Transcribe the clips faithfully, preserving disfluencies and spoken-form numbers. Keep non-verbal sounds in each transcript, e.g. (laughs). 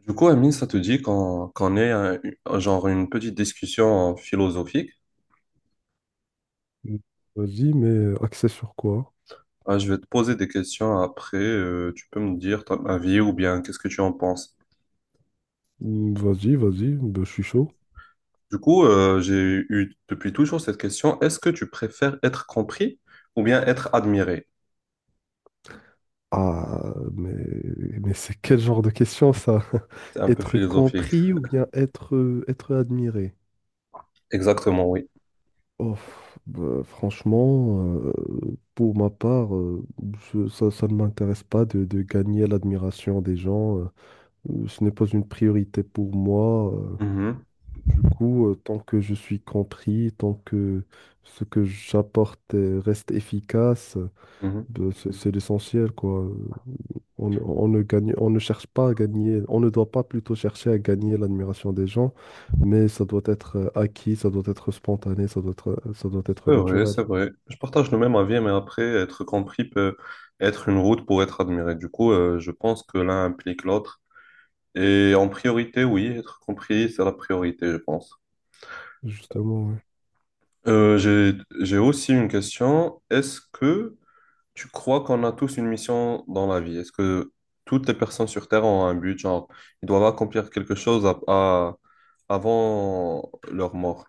Du coup, Amine, ça te dit qu'on qu'on ait un- un- genre une petite discussion philosophique? Mm. Vas-y, mais euh, axé sur quoi? Ah, je vais te poser des questions après. Euh, tu peux me dire ton avis ou bien qu'est-ce que tu en penses. Mm, vas-y, vas-y, ben, je suis chaud. Du coup, euh, j'ai eu depuis toujours cette question. Est-ce que tu préfères être compris ou bien être admiré? Ah, mais, mais c'est quel genre de question ça? C'est (laughs) un peu Être philosophique. compris ou bien être, euh, être admiré? Exactement, oui. Oh, bah, franchement, euh, pour ma part, euh, je- ça, ça ne m'intéresse pas de, de gagner l'admiration des gens. Euh, euh, ce n'est pas une priorité pour moi. euh. Mhm, Du coup, euh, tant que je suis compris, tant que ce que j'apporte euh, reste efficace. mhm. Ben, C'est c'est l'essentiel, quoi. Euh, On, ne on ne gagne, on ne cherche pas à gagner, on ne doit pas plutôt chercher à gagner l'admiration des gens, mais ça doit être euh, acquis, ça doit être spontané, ça doit être, euh, ça doit être C'est vrai, naturel. c'est vrai. Je partage le même avis, mais après, être compris peut être une route pour être admiré. Du coup, euh, je pense que l'un implique l'autre. Et en priorité, oui, être compris, c'est la priorité, je pense. Justement, oui. Euh, j'ai, j'ai aussi une question. Est-ce que tu crois qu'on a tous une mission dans la vie? Est-ce que toutes les personnes sur Terre ont un but, genre, ils doivent accomplir quelque chose à- à- avant leur mort?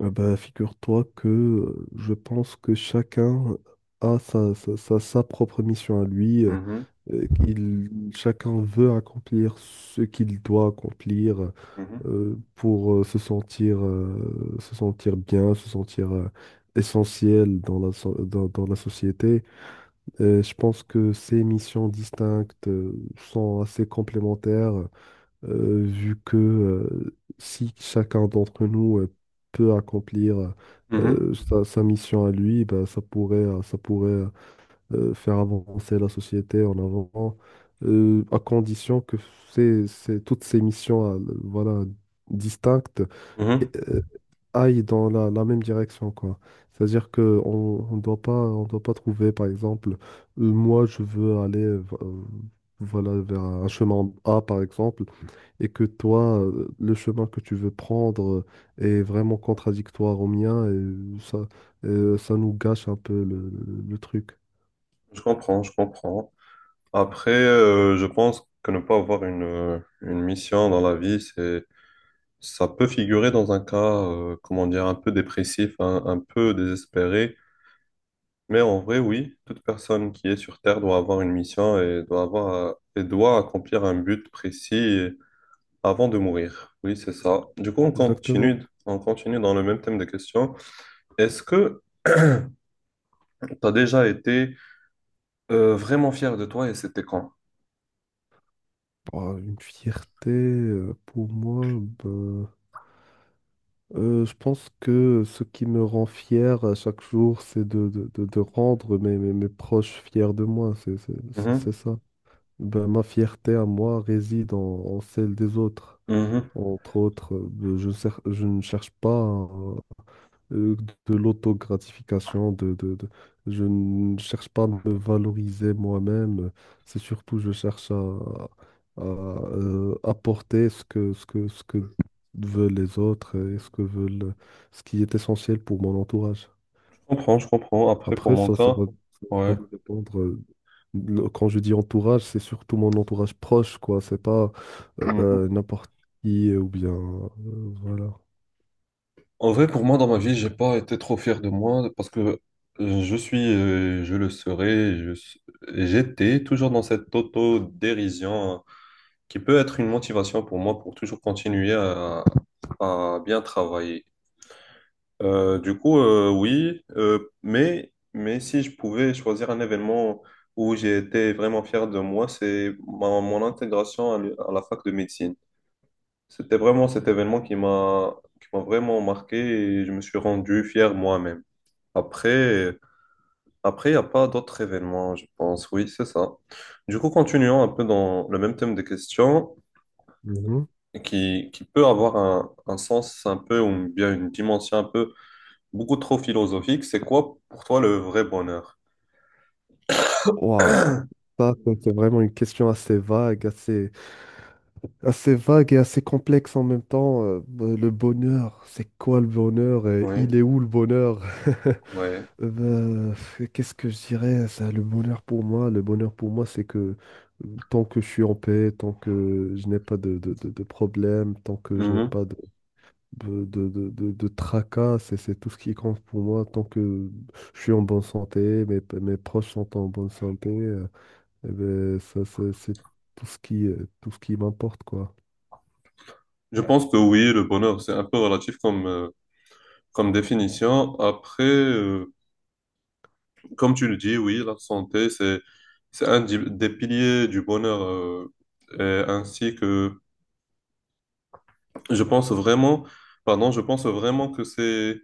Ah ben, figure-toi que euh, je pense que chacun a sa, sa, sa- sa propre mission à lui. euh, Mhm, euh, Il, Chacun veut accomplir ce qu'il doit accomplir. mhm, euh, pour euh, se sentir, euh, se sentir bien, se sentir euh, essentiel dans la, so- dans, dans la société. Euh, je pense que ces missions distinctes euh, sont assez complémentaires, euh, vu que euh, si chacun d'entre nous euh, peut accomplir mhm, euh, sa, sa mission à lui. Ben, ça pourrait, euh, ça pourrait euh, faire avancer la société en avant. euh, à condition que ces- ces- toutes ces missions euh, voilà, distinctes mhm. euh, aille dans la, la même direction, quoi. C'est-à-dire que on, on doit pas, on doit pas trouver, par exemple, euh, moi, je veux aller, euh, voilà, vers un chemin A, par exemple, et que toi, euh, le chemin que tu veux prendre est vraiment contradictoire au mien, et ça, euh, ça nous gâche un peu le, le- le truc. Je comprends, je comprends. Après, euh, je pense que ne pas avoir une, une mission dans la vie, c'est... Ça peut figurer dans un cas, euh, comment dire, un peu dépressif, un, un peu désespéré, mais en vrai, oui, toute personne qui est sur Terre doit avoir une mission et doit avoir, euh, et doit accomplir un but précis avant de mourir. Oui, c'est ça. Du coup, on Exactement. continue, on continue dans le même thème de questions. Est-ce que tu as déjà été euh, vraiment fier de toi et c'était quand? Bah, une fierté, euh, pour moi, bah, Euh, je pense que ce qui me rend fier à chaque jour, c'est de, de- de- de rendre mes, mes, mes proches fiers de moi. C'est c'est- c'est- c'est Mhm, ça. Ben, ma fierté à moi réside en, en celle des autres. mhm. Entre autres, euh, je, cer- je ne cherche pas euh, de l'autogratification, de, de, de- je ne cherche pas à me valoriser moi-même, c'est surtout je cherche à, à, euh, apporter ce que, ce que, ce que veulent les autres et ce que veulent, ce qui est essentiel pour mon entourage. Je comprends, je comprends. Après, pour Après, mon ça, ça cas, va, ça ouais. va dépendre. euh, le- Quand je dis entourage, c'est surtout mon entourage proche, quoi. C'est pas euh, Mm. ben, n'importe qui euh, ou bien euh, voilà. En vrai, pour moi, dans ma vie, j'ai pas été trop fier de moi parce que euh, je suis, euh, je le serai, je s- j'étais toujours dans cette auto-dérision, hein, qui peut être une motivation pour moi pour toujours continuer à, à bien travailler. Euh, du coup, euh, oui, euh, mais, mais si je pouvais choisir un événement où j'ai été vraiment fier de moi, c'est ma- mon intégration à l'u- à la fac de médecine. C'était vraiment cet événement qui m'a qui m'a vraiment marqué et je me suis rendu fier moi-même. Après, après, il n'y a pas d'autres événements, je pense. Oui, c'est ça. Du coup, continuons un peu dans le même thème de questions Mhm. qui, qui peut avoir un, un sens un peu ou bien une dimension un peu beaucoup trop philosophique. C'est quoi pour toi le vrai bonheur? Ouah, ça, ça, c'est vraiment une question assez vague, assez, assez vague et assez complexe en même temps. Euh, euh, le bonheur, c'est quoi le bonheur et Oui, il est où le bonheur? (laughs) ouais. Euh, ben, qu'est-ce que je dirais, ça, le bonheur pour moi? Le bonheur pour moi, c'est que euh, tant que je suis en paix, tant que je n'ai pas de, de, de, de problème, tant que je n'ai Mhm. pas de, de, de, de, de- de tracas. C'est c'est tout ce qui compte pour moi. Tant que je suis en bonne santé, mes, mes proches sont en bonne santé. euh, eh ben, ça, ça, c'est tout ce qui, euh, tout ce qui m'importe, quoi. Je pense que oui, le bonheur, c'est un peu relatif comme, euh, comme définition. Après, euh, comme tu le dis, oui, la santé, c'est, c'est un di- des piliers du bonheur, euh, et ainsi que je pense vraiment, pardon, je pense vraiment que c'est,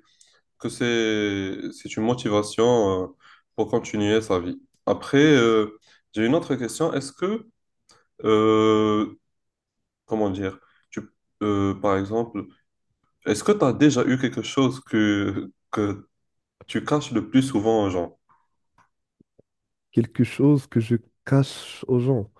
que c'est, c'est une motivation, euh, pour continuer sa vie. Après, euh, j'ai une autre question. Est-ce que, euh, Comment dire, tu, euh, par exemple, est-ce que tu as déjà eu quelque chose que, que tu caches le plus souvent aux gens? Quelque chose que je cache aux gens.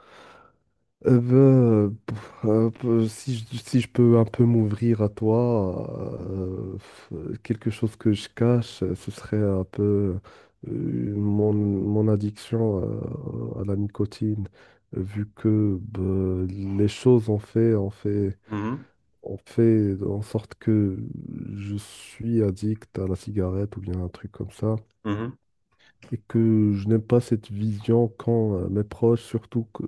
Eh ben, euh, pff, euh, peu- si je, si je peux un peu m'ouvrir à toi, euh, f- quelque chose que je cache, euh, ce serait un peu euh, mon, mon addiction euh, à la nicotine, euh, vu que ben, les choses ont fait, ont fait, Mhm, ont fait en sorte que je suis addict à la cigarette ou bien un truc comme ça, mhm, et que je n'aime pas cette vision quand euh, mes proches, surtout que,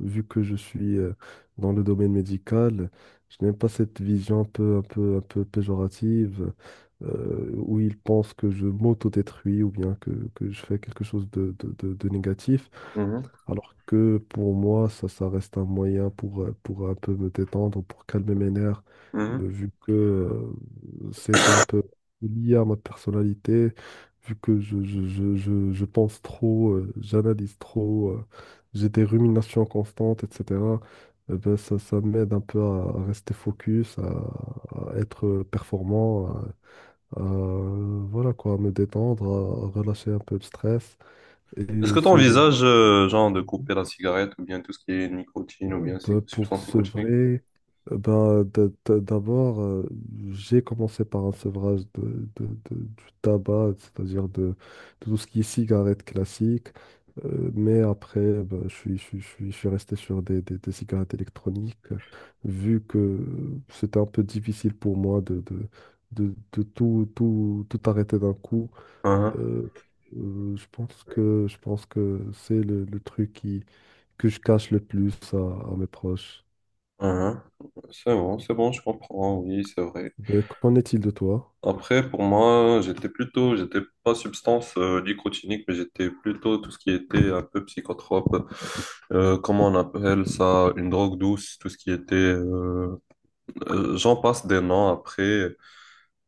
vu que je suis euh, dans le domaine médical, je n'aime pas cette vision un peu, un peu, un peu péjorative euh, où ils pensent que je m'auto-détruis ou bien que, que je fais quelque chose de, de, de- de négatif. mhm, Alors que pour moi, ça, ça reste un moyen pour, euh, pour un peu me détendre, pour calmer mes nerfs, mhm. de- vu que euh, c'est c'est un peu lié à ma personnalité, vu que je, je, je, je, je pense trop, euh, j'analyse trop, euh, j'ai des ruminations constantes, et cætera. Eh ben, ça, ça m'aide un peu à, à rester focus, à, à être performant, à, à, voilà quoi, à me détendre, à, à relâcher un peu le stress. Est-ce Et que tu c'est envisages, genre, de couper la cigarette ou bien tout ce qui est nicotine ou Euh, bien ces bah, pour substances nicotiniques? sevrer, euh, bah, d- d- d'abord, euh, j'ai commencé par un sevrage de, de- de- du tabac, c'est-à-dire de, de tout ce qui est cigarette classique. Euh, mais après, bah, je suis, je suis- je suis- je suis resté sur des, des- des cigarettes électroniques, euh, vu que euh, c'était un peu difficile pour moi de, de, de- de tout, tout, tout arrêter d'un coup. Hein, Euh, euh, je pense que, je pense que c'est le le truc qui que je cache le plus à, à mes proches. hein. C'est bon, c'est bon, je comprends, oui, c'est vrai. Ben, qu'en est-il de toi? Après, pour moi, j'étais plutôt, j'étais pas substance euh, nicotinique, mais j'étais plutôt tout ce qui était un peu psychotrope, euh, comment on appelle ça, une drogue douce, tout ce qui était... euh, euh, j'en passe des noms après.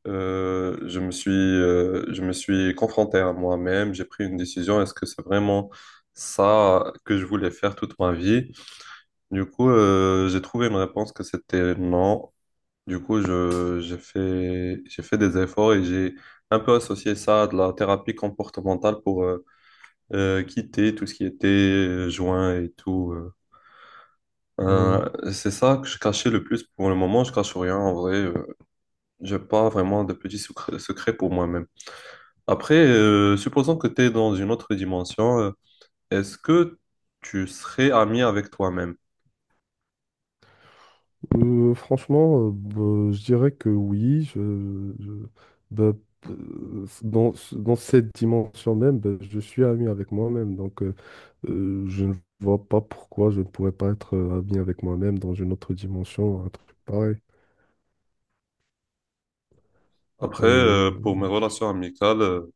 Euh, je me suis, euh, je me suis confronté à moi-même, j'ai pris une décision. Est-ce que c'est vraiment ça que je voulais faire toute ma vie? Du coup, euh, j'ai trouvé une réponse que c'était non. Du coup, je, j'ai fait, j'ai fait des efforts et j'ai un peu associé ça à de la thérapie comportementale pour euh, euh, quitter tout ce qui était euh, joint et tout. euh. Euh, Euh, c'est ça que je cachais le plus. Pour le moment, je cache rien en vrai, euh, j'ai pas vraiment de petits secrets secrets pour moi-même. Après, euh, supposons que tu es dans une autre dimension, euh, est-ce que tu serais ami avec toi-même? euh, franchement, euh, ben, je dirais que oui. Je, je- ben, euh, dans, dans cette dimension même, ben, je suis ami avec moi-même. Donc, euh, euh, je ne vois pas pourquoi je ne pourrais pas être euh, ami avec moi-même dans une autre dimension, un truc pareil. Après, euh, Euh, pour mes relations amicales, euh,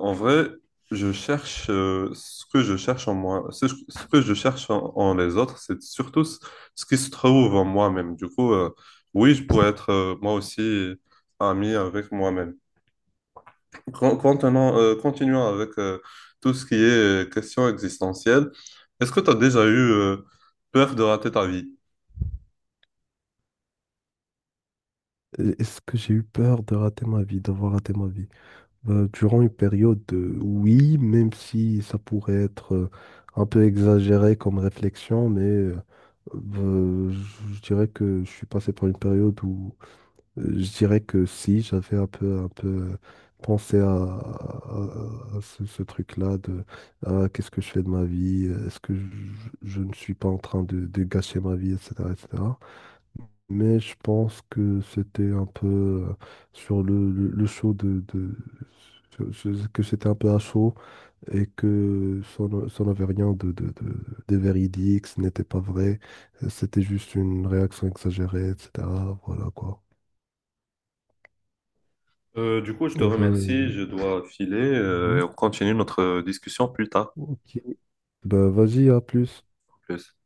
en vrai, je cherche euh, ce que je cherche en moi, ce, ce que je cherche en, en les autres, c'est surtout ce, ce qui se trouve en moi-même. Du coup, euh, oui, je pourrais être euh, moi aussi ami avec moi-même. Con- Contenant, euh, continuons avec euh, tout ce qui est euh, question existentielle. Est-ce que tu as déjà eu euh, peur de rater ta vie? est-ce que j'ai eu peur de rater ma vie, d'avoir raté ma vie? Euh, durant une période, euh, oui, même si ça pourrait être euh, un peu exagéré comme réflexion, mais euh, euh, je je dirais que je suis passé par une période où euh, je dirais que si, j'avais un peu, un peu euh, pensé à, à- à ce, ce truc-là de ah, qu'est-ce que je fais de ma vie, est-ce que je, je ne suis pas en train de, de gâcher ma vie, et cætera, et cætera. Mais je pense que c'était un peu euh, sur le, le, le show de, de- sur- sur- que c'était un peu à chaud et que ça n- ça n'avait rien de, de, de, de véridique, ce n'était pas vrai, euh, c'était juste une réaction exagérée, et cætera. Voilà quoi. Euh, du coup, je te Euh, remercie, Ben, je dois filer euh, et mhm. on continue notre discussion plus tard. Ok. Ben, vas-y, à plus. En plus.